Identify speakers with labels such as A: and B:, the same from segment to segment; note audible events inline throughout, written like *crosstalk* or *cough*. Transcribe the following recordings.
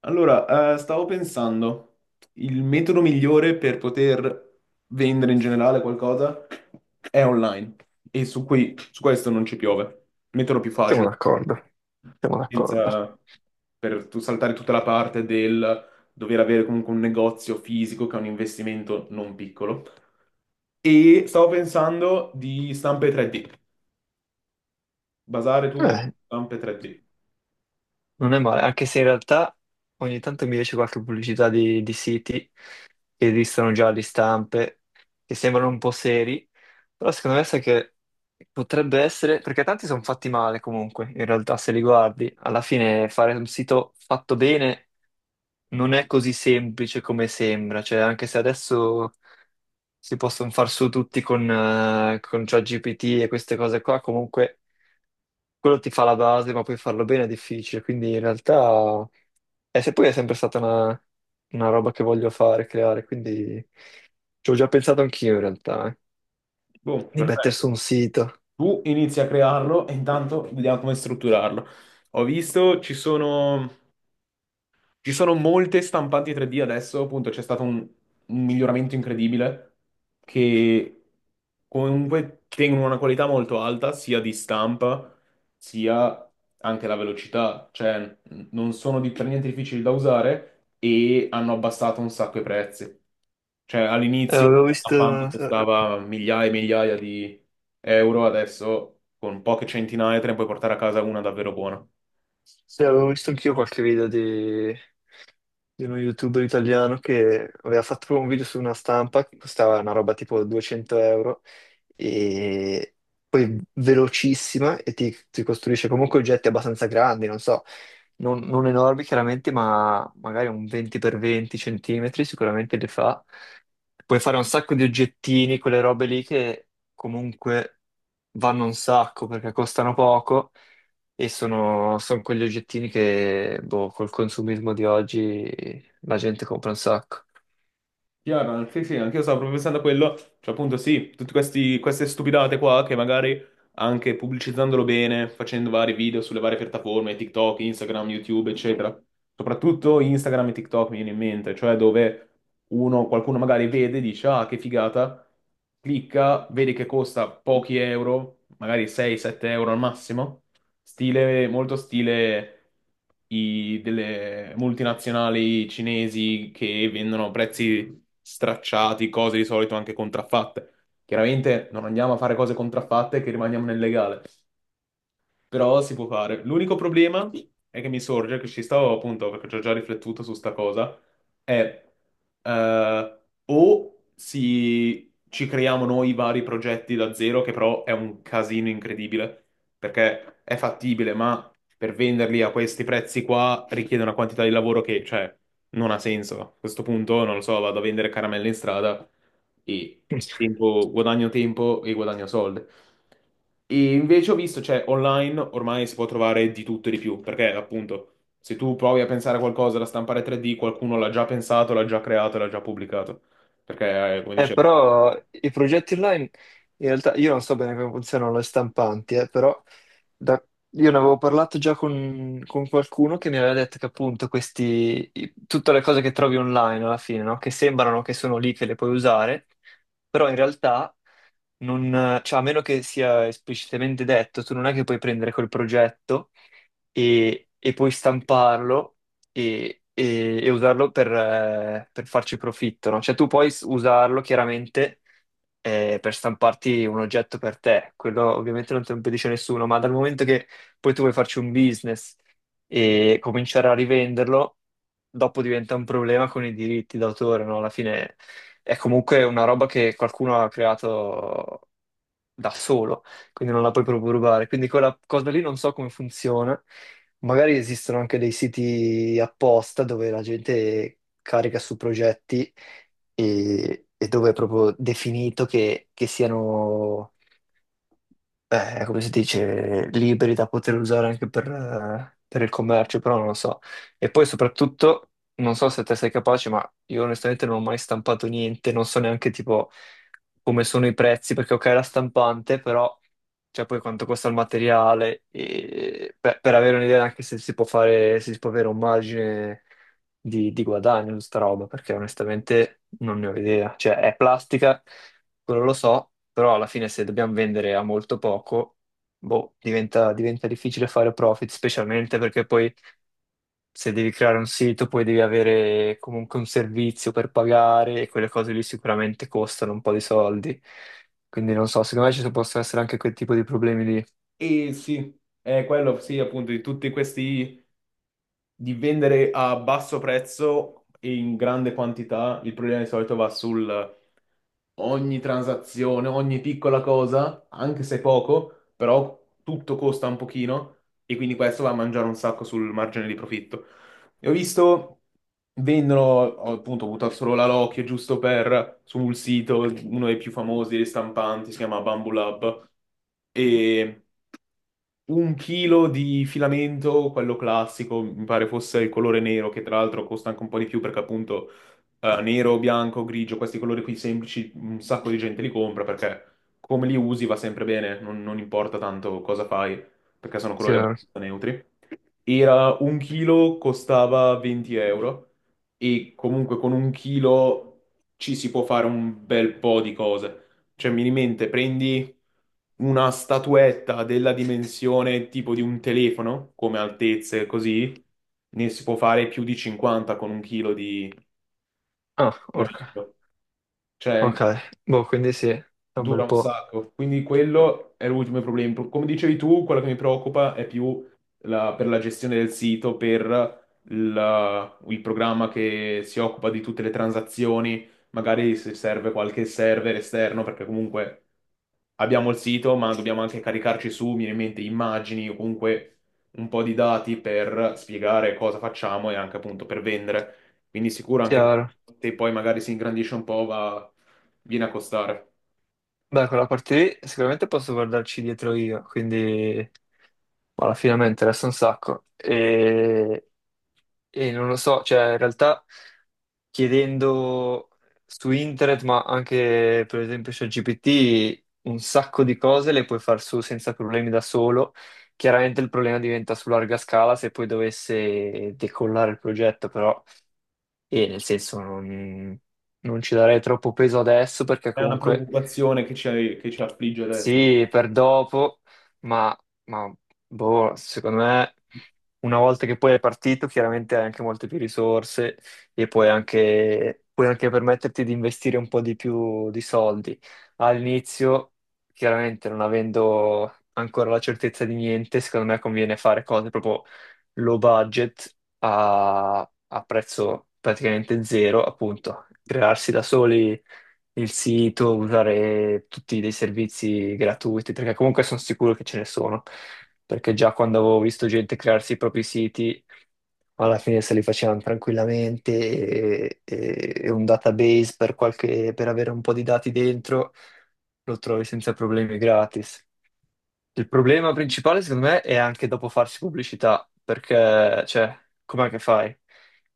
A: Stavo pensando, il metodo migliore per poter vendere in generale qualcosa è online e su, qui, su questo non ci piove. Metodo più
B: Siamo
A: facile,
B: d'accordo, siamo d'accordo.
A: senza, per tu saltare tutta la parte del dover avere comunque un negozio fisico che è un investimento non piccolo. E stavo pensando di stampe 3D, basare tutto su
B: Eh,
A: stampe 3D.
B: non è male, anche se in realtà ogni tanto mi esce qualche pubblicità di siti che esistono già di stampe, che sembrano un po' seri, però secondo me sai che potrebbe essere, perché tanti sono fatti male comunque, in realtà se li guardi, alla fine fare un sito fatto bene non è così semplice come sembra, cioè anche se adesso si possono far su tutti con ChatGPT e queste cose qua, comunque quello ti fa la base, ma poi farlo bene è difficile, quindi in realtà e se poi è sempre stata una roba che voglio fare, creare, quindi ci ho già pensato anch'io in realtà,
A: Boh,
B: di mettere
A: perfetto.
B: su un sito.
A: Tu inizi a crearlo e intanto vediamo come strutturarlo. Ho visto, ci sono. Ci sono molte stampanti 3D adesso, appunto c'è stato un miglioramento incredibile che comunque tengono una qualità molto alta sia di stampa sia anche la velocità, cioè non sono per niente difficili da usare e hanno abbassato un sacco i prezzi. Cioè all'inizio
B: Avevo
A: una
B: visto,
A: stampante
B: eh,
A: costava migliaia e migliaia di euro, adesso con poche centinaia te ne puoi portare a casa una davvero buona.
B: sì, avevo visto anch'io qualche video di uno youtuber italiano che aveva fatto un video su una stampa che costava una roba tipo 200 euro e poi velocissima e ti costruisce comunque oggetti abbastanza grandi, non so, non enormi chiaramente, ma magari un 20x20 centimetri sicuramente li fa. Puoi fare un sacco di oggettini, quelle robe lì che comunque vanno un sacco perché costano poco e sono quegli oggettini che, boh, col consumismo di oggi la gente compra un sacco.
A: Chiaro, sì, sì, anche io stavo proprio pensando a quello, cioè appunto sì, tutte queste stupidate qua che magari anche pubblicizzandolo bene, facendo vari video sulle varie piattaforme, TikTok, Instagram, YouTube, eccetera, soprattutto Instagram e TikTok mi viene in mente, cioè dove uno, qualcuno magari vede, dice ah che figata, clicca, vede che costa pochi euro, magari 6-7 euro al massimo, stile, molto stile delle multinazionali cinesi che vendono prezzi stracciati, cose di solito anche contraffatte. Chiaramente non andiamo a fare cose contraffatte che rimaniamo nel legale, però si può fare. L'unico problema è che mi sorge, che ci stavo appunto, perché ci ho già riflettuto su sta cosa, è eh, o si, ci creiamo noi vari progetti da zero, che però è un casino incredibile, perché è fattibile, ma per venderli a questi prezzi qua richiede una quantità di lavoro che, cioè, non ha senso. A questo punto, non lo so, vado a vendere caramelle in strada e
B: *laughs*
A: guadagno tempo e guadagno soldi. E invece ho visto, cioè, online ormai si può trovare di tutto e di più, perché appunto, se tu provi a pensare a qualcosa da stampare 3D, qualcuno l'ha già pensato, l'ha già creato, l'ha già pubblicato. Perché, come
B: Eh,
A: dice.
B: però i progetti online, in realtà io non so bene come funzionano le stampanti, però da- io ne avevo parlato già con qualcuno che mi aveva detto che appunto tutte le cose che trovi online alla fine, no? Che sembrano che sono lì che le puoi usare, però in realtà non, cioè, a meno che sia esplicitamente detto, tu non è che puoi prendere quel progetto e poi stamparlo e usarlo per farci profitto, no? Cioè tu puoi usarlo chiaramente per stamparti un oggetto per te, quello ovviamente non te lo impedisce nessuno, ma dal momento che poi tu vuoi farci un business e cominciare a rivenderlo, dopo diventa un problema con i diritti d'autore, no? Alla fine è comunque una roba che qualcuno ha creato da solo, quindi non la puoi proprio rubare. Quindi quella cosa lì non so come funziona. Magari esistono anche dei siti apposta dove la gente carica su progetti e dove è proprio definito che siano come si dice, liberi da poter usare anche per il commercio, però non lo so. E poi soprattutto, non so se te sei capace, ma io onestamente non ho mai stampato niente, non so neanche tipo come sono i prezzi, perché ok, la stampante, però cioè poi quanto costa il materiale, e, per avere un'idea anche se si può fare, se si può avere un margine di guadagno su sta roba, perché onestamente non ne ho idea. Cioè è plastica quello lo so, però alla fine se dobbiamo vendere a molto poco, boh, diventa difficile fare profit, specialmente perché poi se devi creare un sito, poi devi avere comunque un servizio per pagare e quelle cose lì sicuramente costano un po' di soldi. Quindi non so, secondo me ci possono essere anche quel tipo di problemi lì.
A: E sì, è quello, sì, appunto, di tutti questi di vendere a basso prezzo e in grande quantità, il problema di solito va sul ogni transazione, ogni piccola cosa, anche se poco, però tutto costa un pochino e quindi questo va a mangiare un sacco sul margine di profitto. E ho visto, vendono, ho appunto buttato solo la Loki, giusto per, sul sito, uno dei più famosi, dei stampanti, si chiama Bamboo Lab, e un chilo di filamento, quello classico, mi pare fosse il colore nero, che tra l'altro costa anche un po' di più perché appunto nero, bianco, grigio, questi colori qui semplici, un sacco di gente li compra perché come li usi va sempre bene, non, non importa tanto cosa fai, perché sono colori
B: Chiaro.
A: abbastanza neutri. Era un chilo, costava 20 euro e comunque con un chilo ci si può fare un bel po' di cose. Cioè, minimente, prendi una statuetta della dimensione tipo di un telefono, come altezze, così, ne si può fare più di 50 con un chilo di
B: Ah, orca.
A: filamento. Cioè,
B: Ok, boh, quindi sì, è un
A: dura
B: bel
A: un
B: po'.
A: sacco, quindi quello è l'ultimo problema. Come dicevi tu, quello che mi preoccupa è più per la gestione del sito, per il programma che si occupa di tutte le transazioni, magari se serve qualche server esterno, perché comunque abbiamo il sito, ma dobbiamo anche caricarci su, mi viene in mente, immagini o comunque un po' di dati per spiegare cosa facciamo e anche appunto per vendere. Quindi sicuro anche questo,
B: Chiaro.
A: se poi magari si ingrandisce un po', va, viene a costare.
B: Beh, quella parte lì sicuramente posso guardarci dietro io, quindi, boh, alla fine mi interessa un sacco. E non lo so, cioè in realtà chiedendo su internet, ma anche per esempio ChatGPT, un sacco di cose le puoi far su senza problemi da solo. Chiaramente il problema diventa su larga scala se poi dovesse decollare il progetto, però, e nel senso non ci darei troppo peso adesso perché
A: È una
B: comunque
A: preoccupazione che ci affligge adesso.
B: sì, per dopo, ma, ma, boh, secondo me una volta che poi è partito, chiaramente hai anche molte più risorse e puoi anche permetterti di investire un po' di più di soldi. All'inizio, chiaramente non avendo ancora la certezza di niente, secondo me conviene fare cose proprio low budget a prezzo praticamente zero, appunto, crearsi da soli il sito, usare tutti dei servizi gratuiti, perché comunque sono sicuro che ce ne sono, perché già quando avevo visto gente crearsi i propri siti, alla fine se li facevano tranquillamente e un database per avere un po' di dati dentro, lo trovi senza problemi gratis. Il problema principale, secondo me, è anche dopo farsi pubblicità, perché, cioè, com'è che fai?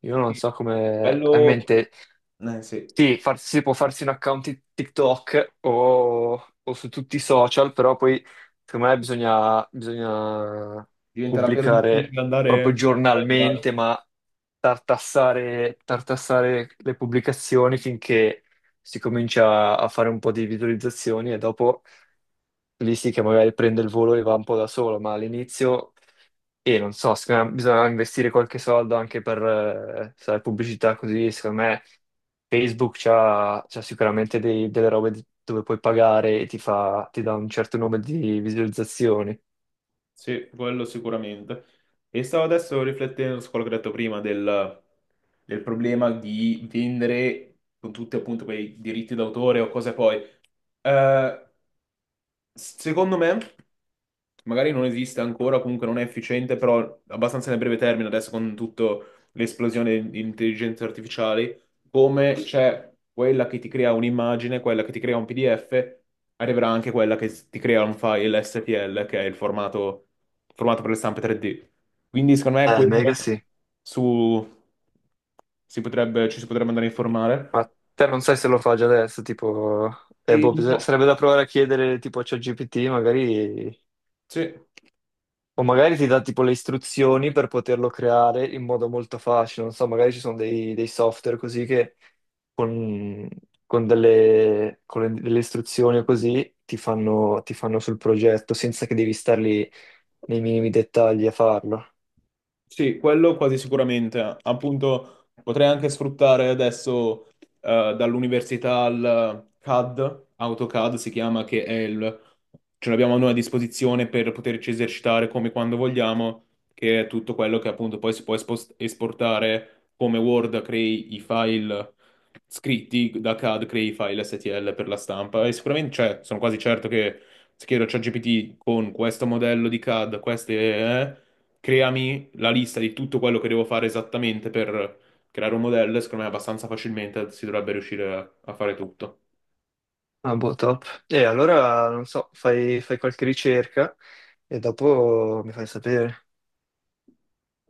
B: Io non
A: Sì,
B: so come hai in
A: quello,
B: mente.
A: sì,
B: Sì, si può farsi un account di TikTok o su tutti i social, però poi, secondo me, bisogna
A: diventa davvero
B: pubblicare
A: difficile
B: proprio
A: andare a Milano.
B: giornalmente, ma tartassare, tartassare le pubblicazioni finché si comincia a fare un po' di visualizzazioni e dopo lì sì che magari prende il volo e va un po' da solo, ma all'inizio, e non so, secondo me bisogna investire qualche soldo anche per sai, pubblicità così. Secondo me Facebook c'ha sicuramente delle robe dove puoi pagare e ti fa, ti dà un certo numero di visualizzazioni.
A: Sì, quello sicuramente. E stavo adesso riflettendo su quello che ho detto prima del problema di vendere con tutti appunto quei diritti d'autore o cose poi. Eh, Secondo me, magari non esiste ancora, o comunque non è efficiente, però abbastanza nel breve termine, adesso con tutta l'esplosione di intelligenze artificiali, come c'è quella che ti crea un'immagine, quella che ti crea un PDF, arriverà anche quella che ti crea un file STL, che è il formato, formato per le stampe 3D. Quindi secondo me quello,
B: Mega sì.
A: su, si potrebbe, ci si potrebbe andare a informare.
B: Ma te non sai se lo fa già adesso, tipo,
A: E
B: boh,
A: no,
B: sarebbe da provare a chiedere tipo a ChatGPT. Magari
A: sì.
B: o magari ti dà tipo le istruzioni per poterlo creare in modo molto facile. Non so, magari ci sono dei software così che con, con delle istruzioni o così ti fanno sul progetto senza che devi star lì nei minimi dettagli a farlo.
A: Sì, quello quasi sicuramente. Appunto, potrei anche sfruttare adesso dall'università al CAD, AutoCAD si chiama, che è ce l'abbiamo noi a disposizione per poterci esercitare come quando vogliamo, che è tutto quello che appunto poi si può esportare come Word, crei i file scritti da CAD, crei i file STL per la stampa. E sicuramente, cioè, sono quasi certo che se chiedo a ChatGPT con questo modello di CAD, creami la lista di tutto quello che devo fare esattamente per creare un modello, e secondo me abbastanza facilmente si dovrebbe riuscire a fare tutto.
B: Ah, boh, top. E allora, non so, fai qualche ricerca e dopo mi fai sapere.